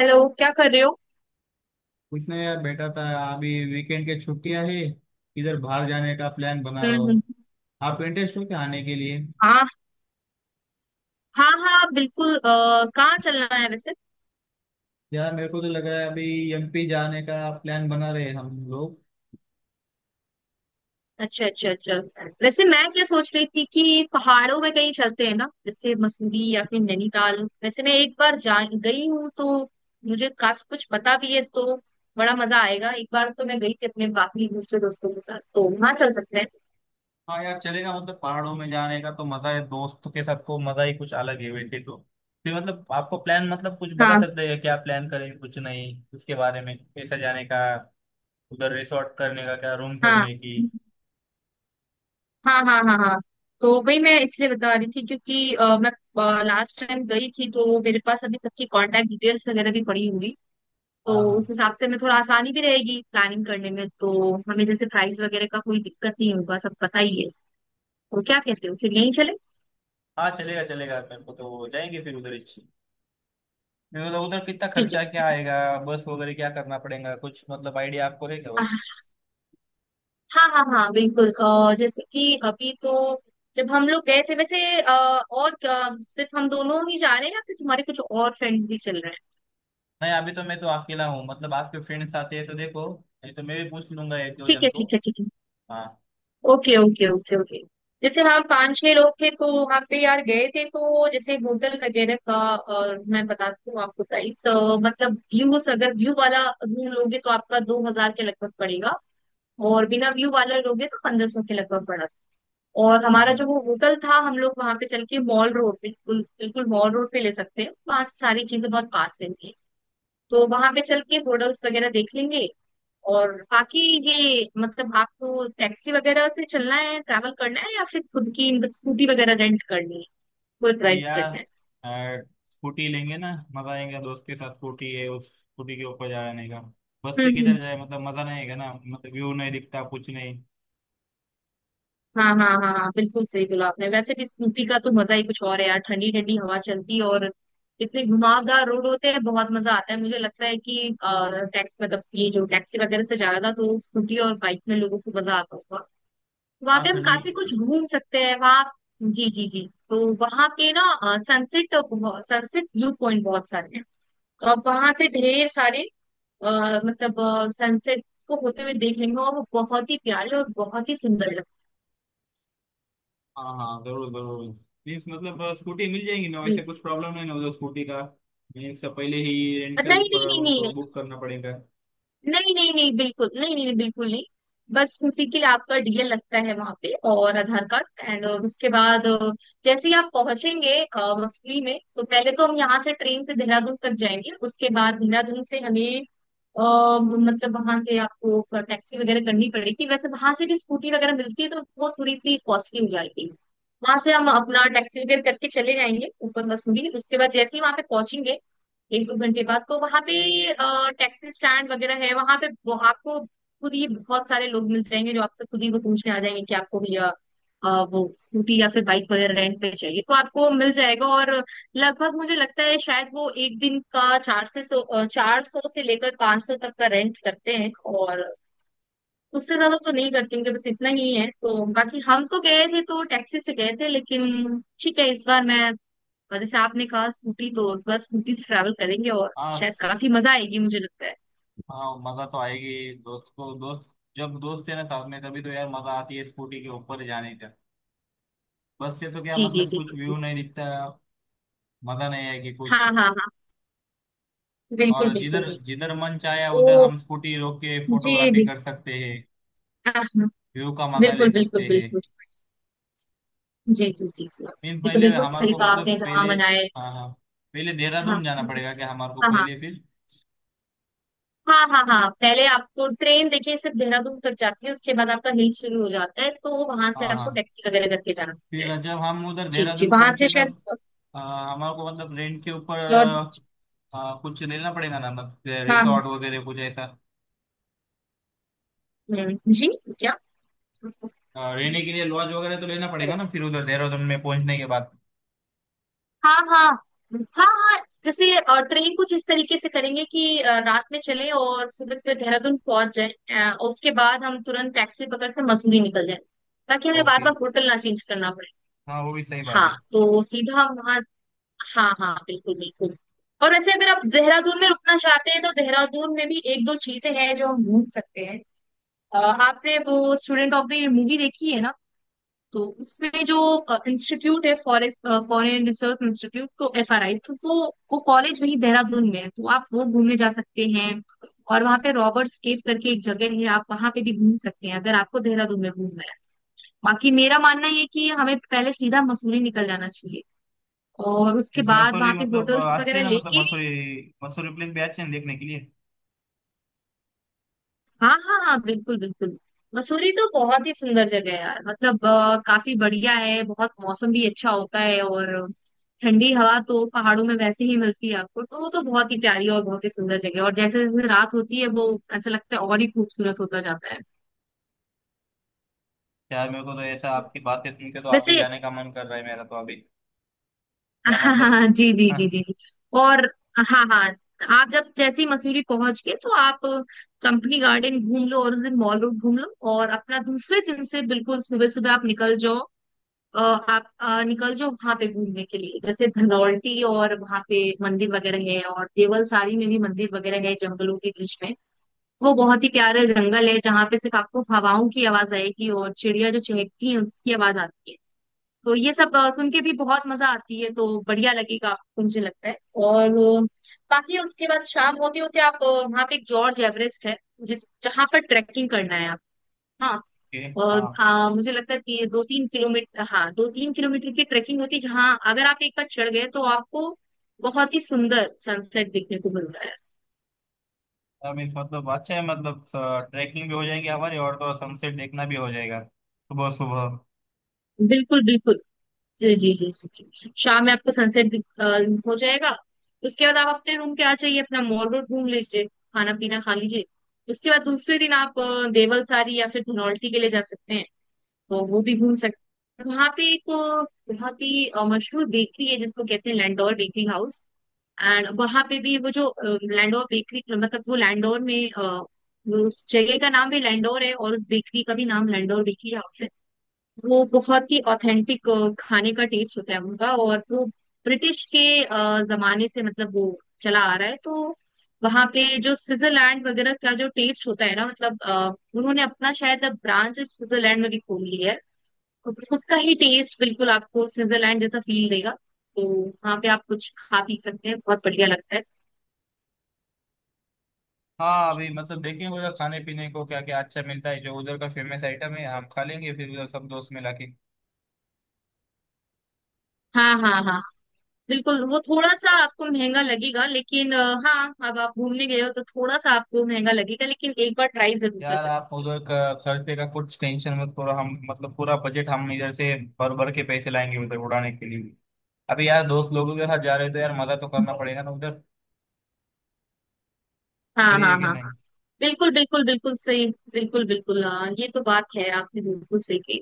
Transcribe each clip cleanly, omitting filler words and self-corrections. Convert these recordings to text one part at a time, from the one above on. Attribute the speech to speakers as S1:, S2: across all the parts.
S1: Hello, क्या कर रहे हो?
S2: कुछ नहीं यार, बैठा था। अभी वीकेंड के छुट्टियां है। इधर बाहर जाने का प्लान बना रहा हूँ।
S1: हम्म।
S2: आप इंटरेस्ट हो क्या आने के लिए?
S1: हाँ हाँ हाँ बिल्कुल। कहाँ चलना है वैसे?
S2: यार मेरे को तो लग रहा है अभी एमपी जाने का। प्लान बना रहे हैं हम लोग।
S1: अच्छा अच्छा अच्छा। वैसे मैं क्या सोच रही थी कि पहाड़ों में कहीं चलते हैं ना, जैसे मसूरी या फिर नैनीताल। वैसे मैं एक बार जा गई हूँ तो मुझे काफी कुछ पता भी है, तो बड़ा मजा आएगा। एक बार तो मैं गई थी अपने बाकी दूसरे दोस्तों के साथ, तो वहां चल सकते हैं।
S2: हाँ यार चलेगा, मतलब पहाड़ों में जाने का तो मजा है, दोस्तों के साथ को मजा ही कुछ अलग है वैसे तो। फिर मतलब आपको प्लान, मतलब कुछ बता
S1: हाँ
S2: सकते हैं क्या, प्लान करें कुछ नहीं उसके बारे में, कैसा जाने का? उधर रिसोर्ट करने का क्या, रूम
S1: हाँ
S2: करने की?
S1: हाँ हाँ। हाँ हाँ। तो वही मैं इसलिए बता रही थी क्योंकि मैं लास्ट टाइम गई थी तो मेरे पास अभी सबकी कांटेक्ट डिटेल्स वगैरह भी पड़ी हुई।
S2: हाँ
S1: तो उस
S2: हाँ
S1: हिसाब से हमें थोड़ा आसानी भी रहेगी प्लानिंग करने में, तो हमें जैसे प्राइस वगैरह का कोई दिक्कत नहीं होगा, सब पता ही है। तो क्या कहते हो, फिर यहीं चले?
S2: हाँ, चलेगा चलेगा, मेरे को तो जाएंगे फिर उधर ही। मतलब उधर कितना
S1: ठीक है
S2: खर्चा क्या
S1: ठीक है।
S2: आएगा? बस वगैरह क्या करना पड़ेगा कुछ, मतलब आइडिया आपको है क्या वैसे?
S1: आह, हाँ हाँ हाँ बिल्कुल। जैसे कि अभी तो जब हम लोग गए थे वैसे सिर्फ हम दोनों ही जा रहे हैं या फिर तुम्हारे कुछ और फ्रेंड्स भी चल रहे हैं?
S2: नहीं अभी तो मैं तो अकेला हूँ, मतलब आपके फ्रेंड्स आते हैं तो देखो, नहीं तो मैं भी पूछ लूंगा एक दो
S1: ठीक
S2: जन
S1: है
S2: को।
S1: ठीक है ठीक है।
S2: हाँ
S1: ओके ओके ओके ओके। जैसे हम पांच छह लोग थे तो वहां पे यार गए थे, तो जैसे होटल वगैरह का मैं बताती हूँ आपको प्राइस। मतलब व्यूज, अगर व्यू वाला रूम लोगे तो आपका 2,000 के लगभग पड़ेगा, और बिना व्यू वाला लोगे तो 1,500 के लगभग पड़ा। और हमारा
S2: हाँ।
S1: जो वो होटल था, हम लोग वहां पे चल के मॉल रोड, बिल्कुल बिल्कुल मॉल रोड पे ले सकते हैं। वहां से सारी चीजें बहुत पास में थी, तो वहां पे चल के होटल्स वगैरह देख लेंगे। और बाकी ये, मतलब आपको टैक्सी वगैरह से चलना है, ट्रैवल करना है, या फिर खुद की मतलब स्कूटी वगैरह रेंट करनी है, खुद
S2: नहीं
S1: ड्राइव
S2: यार,
S1: करना है?
S2: अ, स्कूटी लेंगे ना, मजा आएगा दोस्त के साथ, स्कूटी है उस स्कूटी के ऊपर जाने का। बस से
S1: हम्म हम्म।
S2: किधर जाए, मतलब मजा नहीं आएगा ना, मतलब व्यू नहीं दिखता कुछ नहीं।
S1: हाँ हाँ हाँ हाँ बिल्कुल सही बोला आपने। वैसे भी स्कूटी का तो मजा ही कुछ और है यार, ठंडी ठंडी हवा चलती है और इतने घुमावदार रोड होते हैं, बहुत मजा आता है। मुझे लगता है कि टैक्स मतलब ये जो टैक्सी वगैरह से ज्यादा तो स्कूटी और बाइक में लोगों को मजा आता होगा। वहां
S2: हाँ,
S1: पे हम
S2: ठंडी।
S1: काफी कुछ घूम सकते हैं वहां। जी जी जी। तो वहां पे ना, सनसेट सनसेट व्यू पॉइंट बहुत सारे हैं, और वहां से ढेर सारे अ, मतलब सनसेट को होते हुए देख लेंगे, और वो बहुत ही प्यारे और बहुत ही सुंदर लगते
S2: हाँ हाँ, जरूर जरूर। प्लीज मतलब स्कूटी मिल जाएगी ना
S1: हैं। जी
S2: वैसे,
S1: जी।
S2: कुछ प्रॉब्लम है ना उधर स्कूटी का? एक से पहले ही रेंट के
S1: नहीं
S2: ऊपर
S1: नहीं नहीं
S2: उनको
S1: नहीं।
S2: बुक करना पड़ेगा?
S1: नहीं नहीं नहीं बिल्कुल नहीं, नहीं नहीं, बिल्कुल नहीं। बस उसी के लिए आपका डीएल लगता है वहां पे और आधार कार्ड, एंड उसके बाद जैसे ही आप पहुंचेंगे मसूरी में, तो पहले तो हम यहाँ से ट्रेन से देहरादून तक जाएंगे, उसके बाद देहरादून से हमें अ, वहां से आपको टैक्सी वगैरह करनी पड़ेगी। वैसे वहां से भी स्कूटी वगैरह मिलती है, तो वो थोड़ी सी कॉस्टली हो जाएगी। वहां से हम अपना टैक्सी वगैरह करके चले जाएंगे ऊपर मसूरी। उसके बाद जैसे ही वहां पे पहुंचेंगे, एक दो घंटे बाद, तो वहां पे टैक्सी स्टैंड वगैरह है वहां पे। वो आपको खुद ही बहुत सारे लोग मिल जाएंगे जो आपसे खुद ही वो पूछने आ जाएंगे कि आपको भैया वो स्कूटी या फिर बाइक वगैरह रेंट पे चाहिए, तो आपको मिल जाएगा। और लगभग, मुझे लगता है शायद वो एक दिन का 400 से लेकर 500 तक का रेंट करते हैं, और उससे ज्यादा तो नहीं करते क्योंकि बस इतना ही है। तो बाकी, हम तो गए थे तो टैक्सी से गए थे, लेकिन ठीक है इस बार मैं और जैसे आपने कहा स्कूटी, तो बस स्कूटी से ट्रैवल करेंगे और
S2: हाँ
S1: शायद
S2: स-
S1: काफी मजा आएगी, मुझे लगता है।
S2: हाँ मज़ा तो आएगी, दोस्त को दोस्त, जब दोस्त है ना साथ में, तभी तो यार मज़ा आती है स्कूटी के ऊपर जाने का। बस से तो क्या,
S1: जी जी
S2: मतलब
S1: जी
S2: कुछ
S1: जी।
S2: व्यू नहीं दिखता। मज़ा नहीं आएगी
S1: हाँ
S2: कुछ।
S1: हाँ हाँ बिल्कुल
S2: और
S1: बिल्कुल
S2: जिधर
S1: बिल्कुल।
S2: जिधर मन चाहे, उधर
S1: तो
S2: हम स्कूटी रोक के
S1: जी
S2: फोटोग्राफी
S1: जी।
S2: कर सकते हैं,
S1: हाँ, हाँ,
S2: व्यू का मज़ा ले
S1: बिल्कुल बिल्कुल
S2: सकते हैं।
S1: बिल्कुल। जी जी जी जी।
S2: मीन्स
S1: ये तो
S2: पहले
S1: बिल्कुल
S2: हमारे
S1: सही
S2: को,
S1: कहा
S2: मतलब
S1: आपने, जहाँ
S2: पहले।
S1: मनाए।
S2: हाँ हाँ, पहले देहरादून
S1: हाँ
S2: जाना पड़ेगा क्या हमारे को,
S1: हाँ हाँ
S2: पहले फिर?
S1: हाँ। हाँ हाँ पहले आपको ट्रेन देखिए सिर्फ देहरादून तक जाती है, उसके बाद आपका हिल शुरू हो जाता है, तो वहां से
S2: हाँ
S1: आपको
S2: हाँ।
S1: टैक्सी वगैरह करके जाना पड़ता
S2: फिर
S1: है।
S2: जब हम उधर
S1: जी जी
S2: देहरादून
S1: वहां
S2: पहुंचे
S1: से शायद
S2: तब, आ, हमारे को मतलब रेंट के ऊपर
S1: अ,
S2: आ, आ, कुछ लेना पड़ेगा ना, मतलब
S1: हाँ
S2: रिसोर्ट वगैरह कुछ ऐसा,
S1: जी। क्या?
S2: रहने के लिए लॉज वगैरह तो लेना पड़ेगा
S1: हाँ
S2: ना फिर उधर देहरादून में पहुंचने के बाद?
S1: हाँ हाँ हाँ जैसे ट्रेन कुछ इस तरीके से करेंगे कि रात में चले और सुबह सुबह देहरादून पहुंच जाए और उसके बाद हम तुरंत टैक्सी पकड़ के मसूरी निकल जाए, ताकि हमें बार
S2: ओके,
S1: बार होटल ना चेंज करना पड़े।
S2: हाँ वो भी सही बात
S1: हाँ
S2: है।
S1: तो सीधा हम वहाँ। हाँ हाँ बिल्कुल बिल्कुल। और वैसे अगर आप देहरादून में रुकना चाहते हैं तो देहरादून में भी एक दो चीजें हैं जो हम घूम सकते हैं। आपने वो student of the year movie देखी है ना, तो उसमें जो इंस्टीट्यूट है, फॉरेस्ट फॉरेन रिसर्च इंस्टीट्यूट, तो एफआरआई, तो वो कॉलेज वही देहरादून में है, तो आप वो घूमने जा सकते हैं। और वहाँ पे रॉबर्ट्स केव करके एक जगह है, आप वहाँ पे भी घूम सकते हैं अगर आपको देहरादून में घूमना है। बाकी मेरा मानना ये है कि हमें पहले सीधा मसूरी निकल जाना चाहिए, और उसके
S2: इस
S1: बाद
S2: मसूरी,
S1: वहाँ पे
S2: मतलब
S1: होटल्स
S2: अच्छी है
S1: वगैरह
S2: ना मतलब
S1: लेके।
S2: मसूरी? मसूरी प्लेस भी अच्छे हैं देखने के लिए?
S1: हाँ हाँ हाँ बिल्कुल बिल्कुल। मसूरी तो बहुत ही सुंदर जगह है यार, मतलब काफी बढ़िया है, बहुत मौसम भी अच्छा होता है। और ठंडी हवा तो पहाड़ों में वैसे ही मिलती है आपको, तो वो तो बहुत ही प्यारी और बहुत ही सुंदर जगह है। और जैसे जैसे रात होती है वो ऐसा लगता है और ही खूबसूरत होता जाता है।
S2: यार मेरे को तो ऐसा आपकी बातें सुन के तो आप भी
S1: वैसे
S2: जाने का मन कर रहा है मेरा तो अभी। क्या
S1: हाँ हाँ
S2: मतलब।
S1: हाँ, जी जी जी जी जी। और हाँ हाँ आप जब जैसे ही मसूरी पहुंच गए, तो आप कंपनी गार्डन घूम लो और उस दिन मॉल रोड घूम लो, और अपना दूसरे दिन से बिल्कुल सुबह सुबह आप निकल जाओ। निकल जाओ वहां पे घूमने के लिए, जैसे धनौल्टी, और वहां पे मंदिर वगैरह है, और देवलसारी में भी मंदिर वगैरह है जंगलों के बीच में। वो बहुत ही प्यारा जंगल है जहाँ पे सिर्फ आपको हवाओं की आवाज आएगी और चिड़िया जो चहकती है उसकी आवाज आती है। तो ये सब सुन के भी बहुत मजा आती है, तो बढ़िया लगेगा आपको, मुझे लगता है। और अ, बाकी उसके बाद शाम होते होते आप वहाँ पे एक जॉर्ज एवरेस्ट है, जिस जहाँ पर ट्रैकिंग करना है आप। हाँ,
S2: ओके, हाँ।
S1: और हाँ मुझे लगता है कि दो तीन किलोमीटर की ट्रेकिंग होती है, जहाँ अगर आप एक बार चढ़ गए तो आपको बहुत ही सुंदर सनसेट देखने को मिलता है।
S2: अब इस, मतलब अच्छा है, मतलब ट्रैकिंग भी हो जाएगी हमारी और तो सनसेट देखना भी हो जाएगा सुबह सुबह।
S1: बिल्कुल बिल्कुल। जी जी जी जी जी। शाम में आपको सनसेट हो जाएगा। उसके बाद आप अपने रूम पे आ जाइए, अपना मॉल रोड घूम लीजिए, खाना पीना खा लीजिए। उसके बाद दूसरे दिन आप देवलसारी या फिर धनौल्टी के लिए जा सकते हैं, तो वो भी घूम सकते हैं। वहाँ पे एक बहुत ही मशहूर बेकरी है जिसको कहते हैं लैंडोर बेकरी हाउस। एंड वहाँ पे भी वो जो लैंडोर में वो उस जगह का नाम भी लैंडोर है और उस बेकरी का भी नाम लैंडोर बेकरी हाउस है। वो बहुत ही ऑथेंटिक खाने का टेस्ट होता है उनका, और वो ब्रिटिश के जमाने से मतलब वो चला आ रहा है। तो वहाँ पे जो स्विट्जरलैंड वगैरह का जो टेस्ट होता है ना, मतलब उन्होंने अपना शायद अब ब्रांच स्विट्जरलैंड में भी खोल लिया है, तो फिर उसका ही टेस्ट बिल्कुल आपको स्विट्जरलैंड जैसा फील देगा। तो वहाँ पे आप कुछ खा पी सकते हैं, बहुत बढ़िया लगता है।
S2: हाँ अभी मतलब देखेंगे उधर खाने पीने को क्या क्या अच्छा मिलता है, जो उधर का फेमस आइटम है आप खा लेंगे फिर उधर, सब दोस्त मिला के।
S1: हाँ हाँ हाँ बिल्कुल। वो थोड़ा सा आपको महंगा लगेगा लेकिन हाँ अब आप घूमने गए हो तो थोड़ा सा आपको महंगा लगेगा, लेकिन एक बार ट्राई जरूर कर
S2: यार आप
S1: सकते
S2: उधर का खर्चे का कुछ टेंशन मत करो, हम मतलब पूरा बजट हम इधर से भर भर के पैसे लाएंगे उधर उड़ाने के लिए। अभी यार दोस्त लोगों के साथ जा रहे हो तो यार मजा तो
S1: हो।
S2: करना पड़ेगा ना उधर।
S1: हाँ हाँ
S2: सही है
S1: हाँ
S2: कि
S1: हाँ
S2: नहीं?
S1: बिल्कुल बिल्कुल बिल्कुल सही। बिल्कुल बिल्कुल ये तो बात है, आपने बिल्कुल सही कही।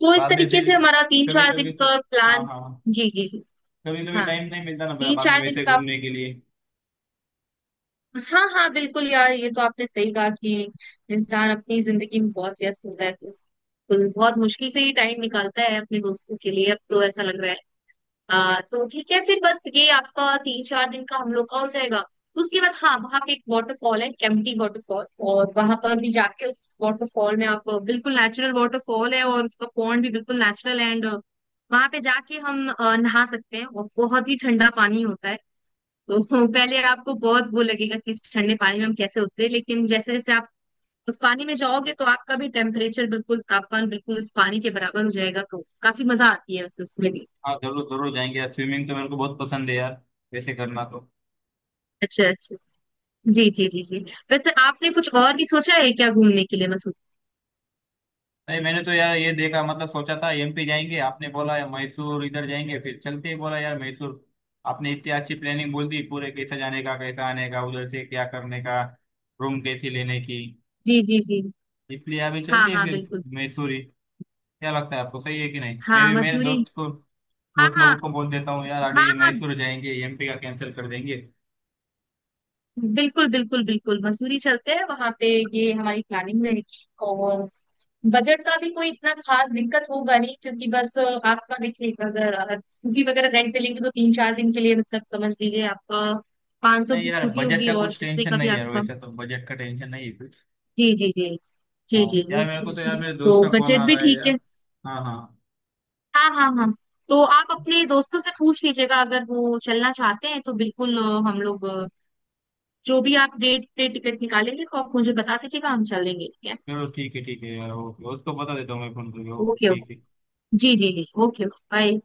S1: तो इस
S2: बाद में
S1: तरीके
S2: फिर
S1: से हमारा तीन
S2: कभी
S1: चार दिन
S2: कभी तो।
S1: का
S2: हाँ
S1: प्लान।
S2: हाँ,
S1: जी जी जी।
S2: कभी कभी
S1: हाँ
S2: टाइम नहीं मिलता ना
S1: तीन
S2: बाद में
S1: चार दिन
S2: वैसे
S1: का।
S2: घूमने के लिए।
S1: हाँ हाँ बिल्कुल यार, ये तो आपने सही कहा कि इंसान अपनी जिंदगी में बहुत व्यस्त होता है, तो बिल्कुल, बहुत मुश्किल से ही टाइम निकालता है अपने दोस्तों के लिए। अब तो ऐसा लग रहा है तो ठीक है, फिर बस ये आपका तीन चार दिन का हम लोग का हो जाएगा। उसके बाद हाँ वहाँ पे एक वाटरफॉल है, केम्प्टी वाटरफॉल, और वहां पर भी जाके उस वाटरफॉल में, आप बिल्कुल नेचुरल वाटरफॉल है और उसका पॉन्ड भी बिल्कुल नेचुरल, एंड वहां पे जाके हम नहा सकते हैं, और बहुत ही ठंडा पानी होता है। तो पहले आपको बहुत वो लगेगा कि इस ठंडे पानी में हम कैसे उतरे, लेकिन जैसे जैसे आप उस पानी में जाओगे तो आपका भी टेम्परेचर बिल्कुल तापमान बिल्कुल उस पानी के बराबर हो जाएगा, तो काफी मजा आती है उस उसमें भी।
S2: हाँ जरूर जरूर जाएंगे यार, स्विमिंग तो मेरे को बहुत पसंद है यार, वैसे करना तो।
S1: अच्छा अच्छा। जी जी जी जी। वैसे आपने कुछ और भी सोचा है क्या घूमने के लिए मसूरी?
S2: नहीं मैंने तो यार ये देखा, मतलब सोचा था एमपी जाएंगे, आपने बोला यार मैसूर इधर जाएंगे, फिर चलते ही बोला यार मैसूर। आपने इतनी अच्छी प्लानिंग बोल दी पूरे, कैसा जाने का, कैसा आने का, उधर से क्या करने का, रूम कैसी लेने की।
S1: जी जी जी।
S2: इसलिए अभी
S1: हाँ
S2: चलते हैं
S1: हाँ
S2: फिर
S1: बिल्कुल।
S2: मैसूर ही। क्या लगता है आपको, सही है कि नहीं? मैं
S1: हाँ
S2: भी मेरे
S1: मसूरी।
S2: दोस्त को,
S1: हाँ
S2: दोस्त
S1: हाँ
S2: लोगों को बोल देता हूँ यार,
S1: हाँ
S2: अभी
S1: हाँ
S2: मैसूर जाएंगे, एमपी का कैंसिल कर देंगे।
S1: बिल्कुल बिल्कुल बिल्कुल मसूरी चलते हैं वहां पे। ये हमारी प्लानिंग रहेगी, और बजट का भी कोई इतना खास दिक्कत होगा नहीं, क्योंकि बस आपका देखिए, अगर स्कूटी वगैरह रेंट पे लेंगे तो तीन चार दिन के लिए, मतलब समझ लीजिए, आपका 500
S2: नहीं
S1: की
S2: यार
S1: स्कूटी
S2: बजट
S1: होगी,
S2: का
S1: और
S2: कुछ
S1: जितने
S2: टेंशन
S1: का भी
S2: नहीं यार,
S1: आपका।
S2: वैसे तो बजट का टेंशन नहीं है कुछ।
S1: जी जी जी। जी जी
S2: हाँ,
S1: जी
S2: यार मेरे को तो
S1: स्कूटी,
S2: यार मेरे
S1: तो
S2: दोस्त का कॉल आ
S1: बजट भी
S2: रहा है
S1: ठीक
S2: यार।
S1: है।
S2: हाँ हाँ,
S1: हाँ हाँ हाँ। तो आप अपने दोस्तों से पूछ लीजिएगा, अगर वो चलना चाहते हैं तो बिल्कुल हम लोग जो भी आप डेट पे टिकट निकालेंगे तो आप मुझे बता दीजिएगा, हम चलेंगे, ठीक है।
S2: चलो ठीक है यार, ओके उसको बता देता हूँ मैं फोन करके। Okay
S1: okay okay.
S2: ठीक है।
S1: जी जी जी, ओके बाय।